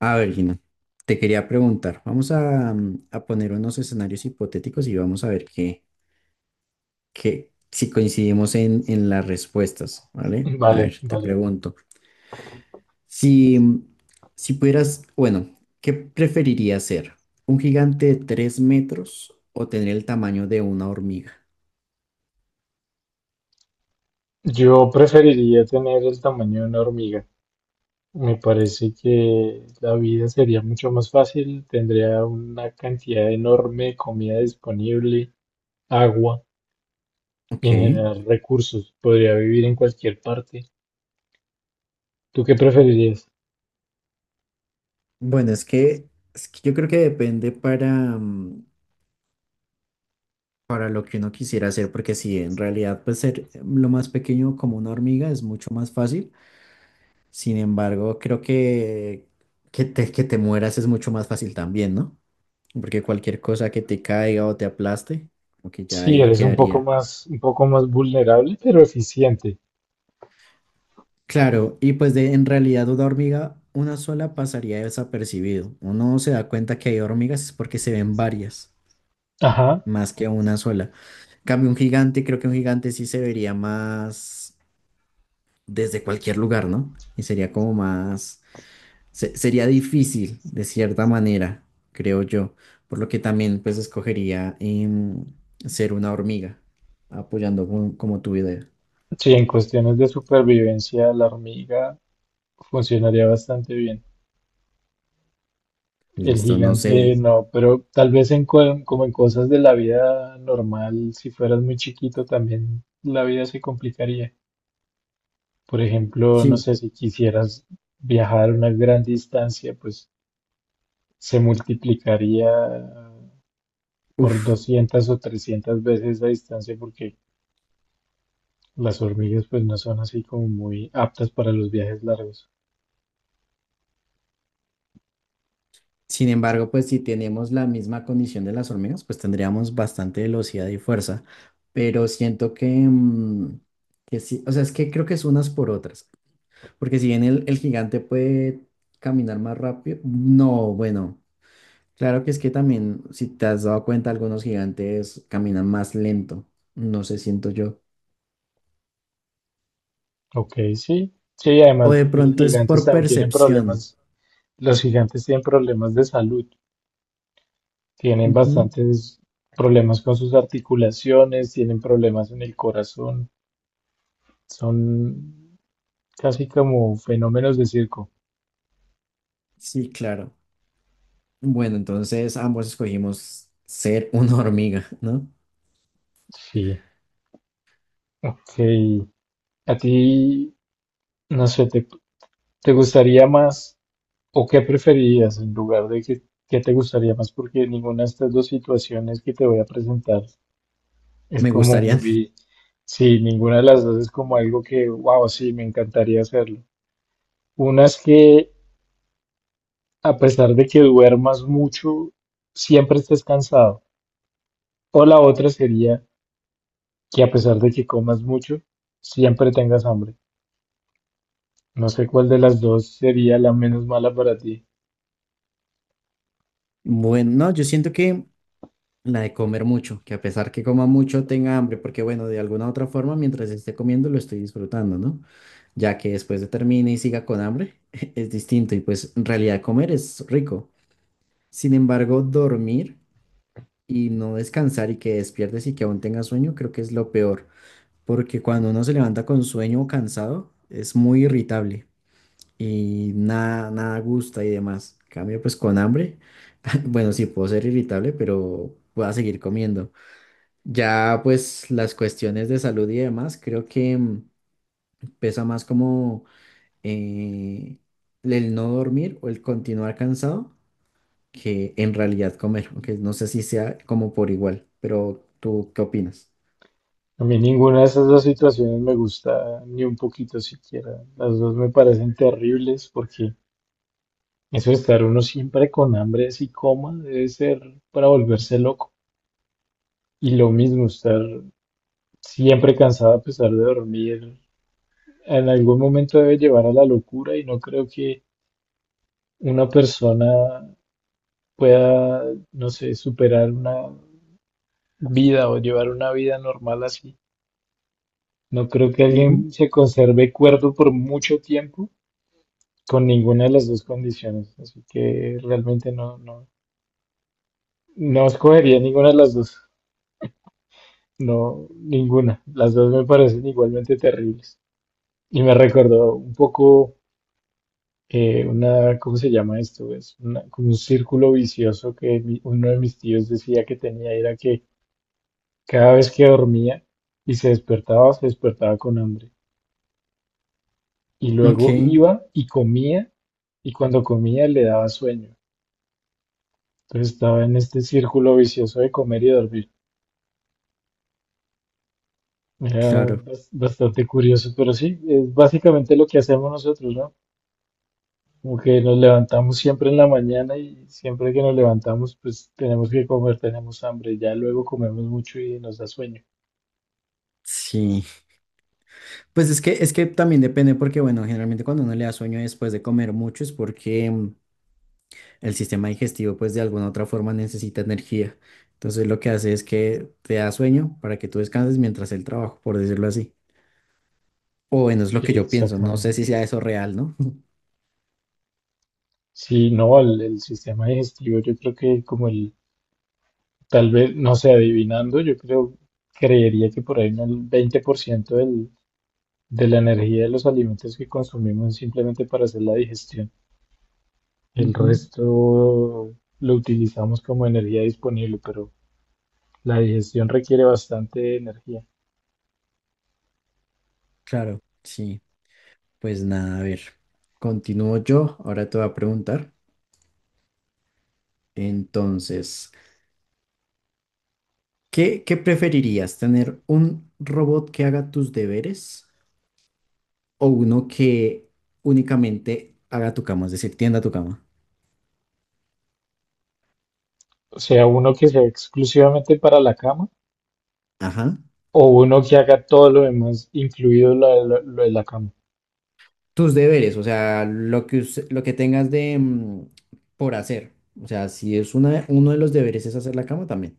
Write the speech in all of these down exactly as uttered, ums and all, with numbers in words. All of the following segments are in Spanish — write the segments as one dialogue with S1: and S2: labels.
S1: A ver, Gina, te quería preguntar, vamos a, mm, a poner unos escenarios hipotéticos y vamos a ver qué, qué, si coincidimos en, en las respuestas, ¿vale? A
S2: Vale,
S1: ver, te
S2: vale.
S1: pregunto, si, mm, si pudieras, bueno, ¿qué preferirías ser? ¿Un gigante de tres metros o tener el tamaño de una hormiga?
S2: Yo preferiría tener el tamaño de una hormiga. Me parece que la vida sería mucho más fácil, tendría una cantidad enorme de comida disponible, agua y
S1: Ok,
S2: en general recursos. Podría vivir en cualquier parte. ¿Tú qué preferirías?
S1: bueno, es que, es que yo creo que depende para, mm, para lo que uno quisiera hacer, porque si en realidad pues ser lo más pequeño como una hormiga es mucho más fácil. Sin embargo, creo que que te, que te mueras es mucho más fácil también, ¿no? Porque cualquier cosa que te caiga o te aplaste, como que ya
S2: Sí,
S1: ahí
S2: eres un poco
S1: quedaría.
S2: más, un poco más vulnerable, pero eficiente.
S1: Claro, y pues de en realidad una hormiga, una sola pasaría desapercibido. Uno se da cuenta que hay hormigas es porque se ven varias,
S2: Ajá.
S1: más que una sola. En cambio, un gigante, creo que un gigante sí se vería más desde cualquier lugar, ¿no? Y sería como más se- sería difícil, de cierta manera, creo yo, por lo que también pues escogería em, ser una hormiga, apoyando con- como tu idea.
S2: Sí, en cuestiones de supervivencia, la hormiga funcionaría bastante bien. El
S1: Listo, no
S2: gigante
S1: sé.
S2: no, pero tal vez en, co- como en cosas de la vida normal, si fueras muy chiquito también la vida se complicaría. Por ejemplo, no
S1: Sí,
S2: sé, si quisieras viajar una gran distancia, pues se multiplicaría por
S1: uff.
S2: doscientas o trescientas veces la distancia, porque las hormigas pues no son así como muy aptas para los viajes largos.
S1: Sin embargo, pues si tenemos la misma condición de las hormigas, pues tendríamos bastante velocidad y fuerza, pero siento que, mm, que sí, o sea, es que creo que es unas por otras, porque si bien el, el gigante puede caminar más rápido, no, bueno. Claro que es que también, si te has dado cuenta, algunos gigantes caminan más lento, no sé, siento yo.
S2: Ok, sí. Sí,
S1: O
S2: además
S1: de
S2: los
S1: pronto es por
S2: gigantes también tienen
S1: percepción.
S2: problemas, los gigantes tienen problemas de salud. Tienen
S1: Ujú.
S2: bastantes problemas con sus articulaciones, tienen problemas en el corazón, son casi como fenómenos de circo.
S1: Sí, claro. Bueno, entonces ambos escogimos ser una hormiga, ¿no?
S2: Sí, ok. ¿A ti, no sé, te, te gustaría más o qué preferirías en lugar de que, qué te gustaría más? Porque ninguna de estas dos situaciones que te voy a presentar es
S1: Me
S2: como
S1: gustaría.
S2: muy, sí, ninguna de las dos es como algo que, wow, sí, me encantaría hacerlo. Una es que a pesar de que duermas mucho, siempre estés cansado. O la otra sería que a pesar de que comas mucho, siempre tengas hambre. No sé cuál de las dos sería la menos mala para ti.
S1: Bueno, no, yo siento que la de comer mucho, que a pesar que coma mucho tenga hambre, porque bueno, de alguna otra forma, mientras esté comiendo lo estoy disfrutando, ¿no? Ya que después de termine y siga con hambre, es distinto y pues en realidad comer es rico. Sin embargo, dormir y no descansar y que despiertes y que aún tengas sueño, creo que es lo peor, porque cuando uno se levanta con sueño o cansado, es muy irritable y nada, nada gusta y demás. En cambio pues con hambre, bueno, sí puedo ser irritable, pero voy a seguir comiendo. Ya pues las cuestiones de salud y demás, creo que mm, pesa más como eh, el no dormir o el continuar cansado que en realidad comer, aunque no sé si sea como por igual, pero ¿tú qué opinas?
S2: A mí ninguna de esas dos situaciones me gusta ni un poquito siquiera. Las dos me parecen terribles, porque eso de estar uno siempre con hambre así coma debe ser para volverse loco. Y lo mismo, estar siempre cansado a pesar de dormir en algún momento debe llevar a la locura, y no creo que una persona pueda, no sé, superar una vida o llevar una vida normal así. No creo que
S1: Ujú.
S2: alguien se conserve cuerdo por mucho tiempo con ninguna de las dos condiciones, así que realmente no, no, no escogería ninguna de las dos. No, ninguna. Las dos me parecen igualmente terribles. Y me recordó un poco eh, una, ¿cómo se llama esto? Es una- como un círculo vicioso que mi- uno de mis tíos decía que tenía, era que cada vez que dormía y se despertaba, se despertaba con hambre. Y
S1: Ok,
S2: luego iba y comía, y cuando comía le daba sueño. Entonces estaba en este círculo vicioso de comer y dormir. Era
S1: claro.
S2: bas- bastante curioso, pero sí, es básicamente lo que hacemos nosotros, ¿no? Como que nos levantamos siempre en la mañana y siempre que nos levantamos, pues tenemos que comer, tenemos hambre. Ya luego comemos mucho y nos da sueño.
S1: Sí, pues es que es que también depende porque bueno, generalmente cuando uno le da sueño después de comer mucho es porque mm, el sistema digestivo pues de alguna otra forma necesita energía. Entonces lo que hace es que te da sueño para que tú descanses mientras el trabajo, por decirlo así. O bueno, es lo que
S2: Sí,
S1: yo pienso, no sé
S2: exactamente.
S1: si sea eso real, ¿no?
S2: Sí, no, el, el sistema digestivo, yo creo que como el, tal vez, no sé, adivinando, yo creo, creería que por ahí en el veinte por ciento del, de la energía de los alimentos que consumimos es simplemente para hacer la digestión. El
S1: Ujú.
S2: resto lo utilizamos como energía disponible, pero la digestión requiere bastante energía.
S1: Claro, sí. Pues nada, a ver, continúo yo. Ahora te voy a preguntar. Entonces, ¿qué, qué preferirías? ¿Tener un robot que haga tus deberes o uno que únicamente haga tu cama, es decir, tienda tu cama?
S2: O sea, uno que sea exclusivamente para la cama
S1: Ajá.
S2: o uno que haga todo lo demás, incluido la- la- lo de la cama.
S1: Tus deberes, o sea, lo que, us- lo que tengas de mm, por hacer. O sea, si es una, uno de los deberes es hacer la cama también.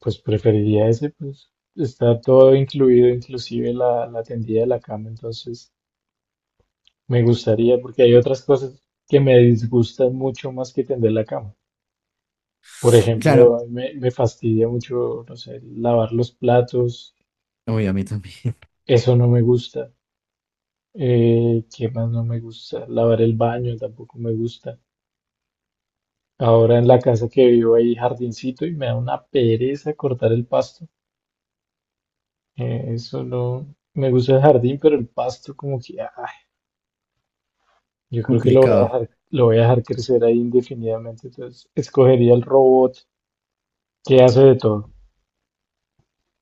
S2: Pues preferiría ese, pues está todo incluido, inclusive la, la tendida de la cama. Entonces me gustaría, porque hay otras cosas que me disgustan mucho más que tender la cama. Por
S1: Claro,
S2: ejemplo, me, me fastidia mucho, no sé, lavar los platos.
S1: uy, a mí también.
S2: Eso no me gusta. Eh, ¿qué más no me gusta? Lavar el baño tampoco me gusta. Ahora en la casa que vivo hay jardincito y me da una pereza cortar el pasto. Eh, eso no. Me gusta el jardín, pero el pasto como que, ay, yo creo que lo voy a
S1: Complicado,
S2: dejar, lo voy a dejar crecer ahí indefinidamente. Entonces, escogería el robot que hace de todo.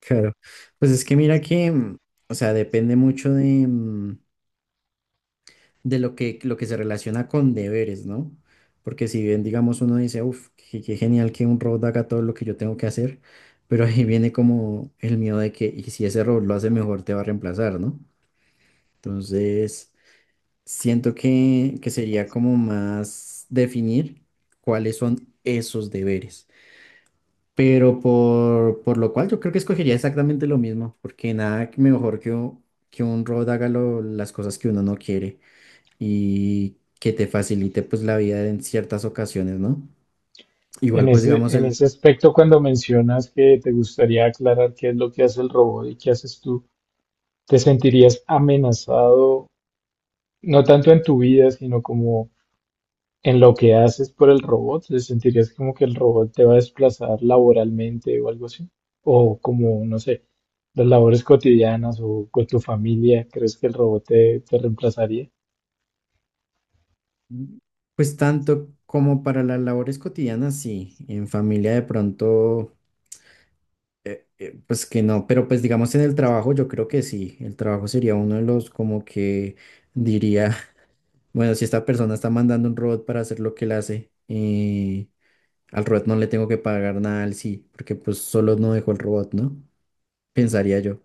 S1: claro. Pues es que mira que, mm, o sea, depende mucho de, mm, de lo que, lo que se relaciona con deberes, ¿no? Porque si bien, digamos, uno dice, uff, qué, qué genial que un robot haga todo lo que yo tengo que hacer, pero ahí viene como el miedo de que, y si ese robot lo hace mejor, te va a reemplazar, ¿no? Entonces, siento que, que sería como más definir cuáles son esos deberes. Pero por, por lo cual yo creo que escogería exactamente lo mismo, porque nada mejor que, un- que un robot haga lo- las cosas que uno no quiere y que te facilite pues la vida en ciertas ocasiones, ¿no? Igual
S2: En
S1: pues
S2: ese,
S1: digamos
S2: en
S1: el,
S2: ese aspecto, cuando mencionas que te gustaría aclarar qué es lo que hace el robot y qué haces tú, ¿te sentirías amenazado, no tanto en tu vida, sino como en lo que haces por el robot? ¿Te sentirías como que el robot te va a desplazar laboralmente o algo así? O como, no sé, las labores cotidianas o con tu familia, ¿crees que el robot te, te reemplazaría?
S1: pues tanto como para las labores cotidianas, sí, en familia de pronto, eh, pues que no, pero pues digamos en el trabajo yo creo que sí, el trabajo sería uno de los como que diría, bueno, si esta persona está mandando un robot para hacer lo que él hace, eh, al robot no le tengo que pagar nada al sí, porque pues solo no dejó el robot, ¿no? Pensaría yo.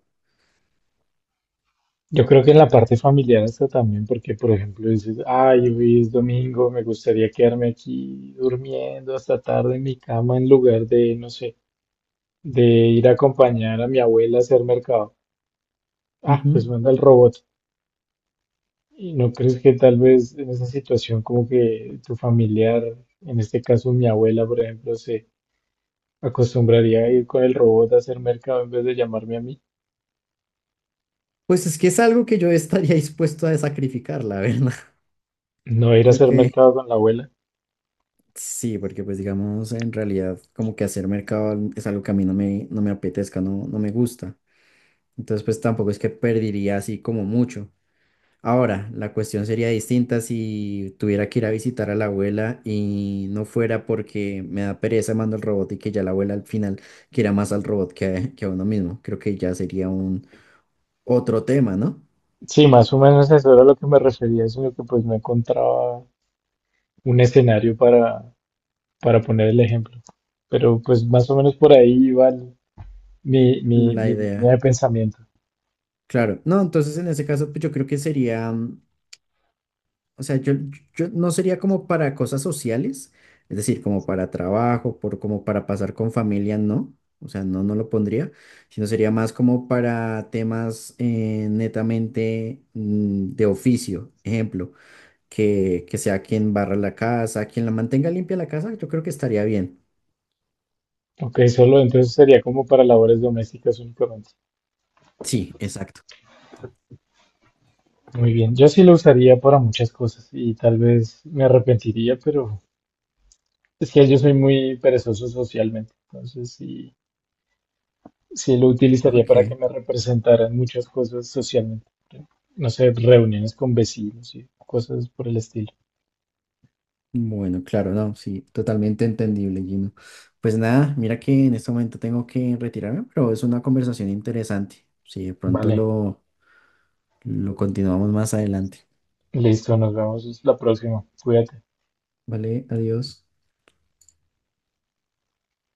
S2: Yo creo que en la parte familiar hasta también, porque por ejemplo dices, ay, hoy es domingo, me gustaría quedarme aquí durmiendo hasta tarde en mi cama en lugar de, no sé, de ir a acompañar a mi abuela a hacer mercado. Ah, pues manda el robot. ¿Y no crees que tal vez en esa situación como que tu familiar, en este caso mi abuela, por ejemplo, se acostumbraría a ir con el robot a hacer mercado en vez de llamarme a mí?
S1: Pues es que es algo que yo estaría dispuesto a sacrificar, la verdad.
S2: No ir a
S1: Creo
S2: hacer
S1: que
S2: mercado con la abuela.
S1: sí, porque pues digamos, en realidad como que hacer mercado es algo que a mí no me, no me apetezca, no, no me gusta. Entonces pues tampoco es que perdería así como mucho. Ahora, la cuestión sería distinta si tuviera que ir a visitar a la abuela y no fuera porque me da pereza, mando el robot y que ya la abuela al final quiera más al robot que, a- que a uno mismo. Creo que ya sería un otro tema, ¿no?
S2: Sí, más o menos eso era a lo que me refería, sino que pues no encontraba un escenario para, para poner el ejemplo. Pero pues más o menos por ahí iba el- mi, mi,
S1: La
S2: mi línea
S1: idea.
S2: de pensamiento.
S1: Claro, no, entonces en ese caso pues, yo creo que sería, mm, o sea, yo, yo no sería como para cosas sociales, es decir, como para trabajo, por, como para pasar con familia, no, o sea, no, no lo pondría, sino sería más como para temas eh, netamente mm, de oficio, ejemplo, que, que sea quien barra la casa, quien la mantenga limpia la casa, yo creo que estaría bien.
S2: Ok, solo entonces sería como para labores domésticas únicamente.
S1: Sí, exacto.
S2: Muy bien, yo sí lo usaría para muchas cosas y tal vez me arrepentiría, pero es que yo soy muy perezoso socialmente, entonces sí, sí lo utilizaría
S1: Ok.
S2: para que me representaran muchas cosas socialmente. No sé, reuniones con vecinos y cosas por el estilo.
S1: Bueno, claro, no, sí, totalmente entendible, Gino. Pues nada, mira que en este momento tengo que retirarme, pero es una conversación interesante. Si de pronto
S2: Vale,
S1: lo, lo continuamos más adelante.
S2: listo, nos vemos la próxima. Cuídate.
S1: Vale, adiós.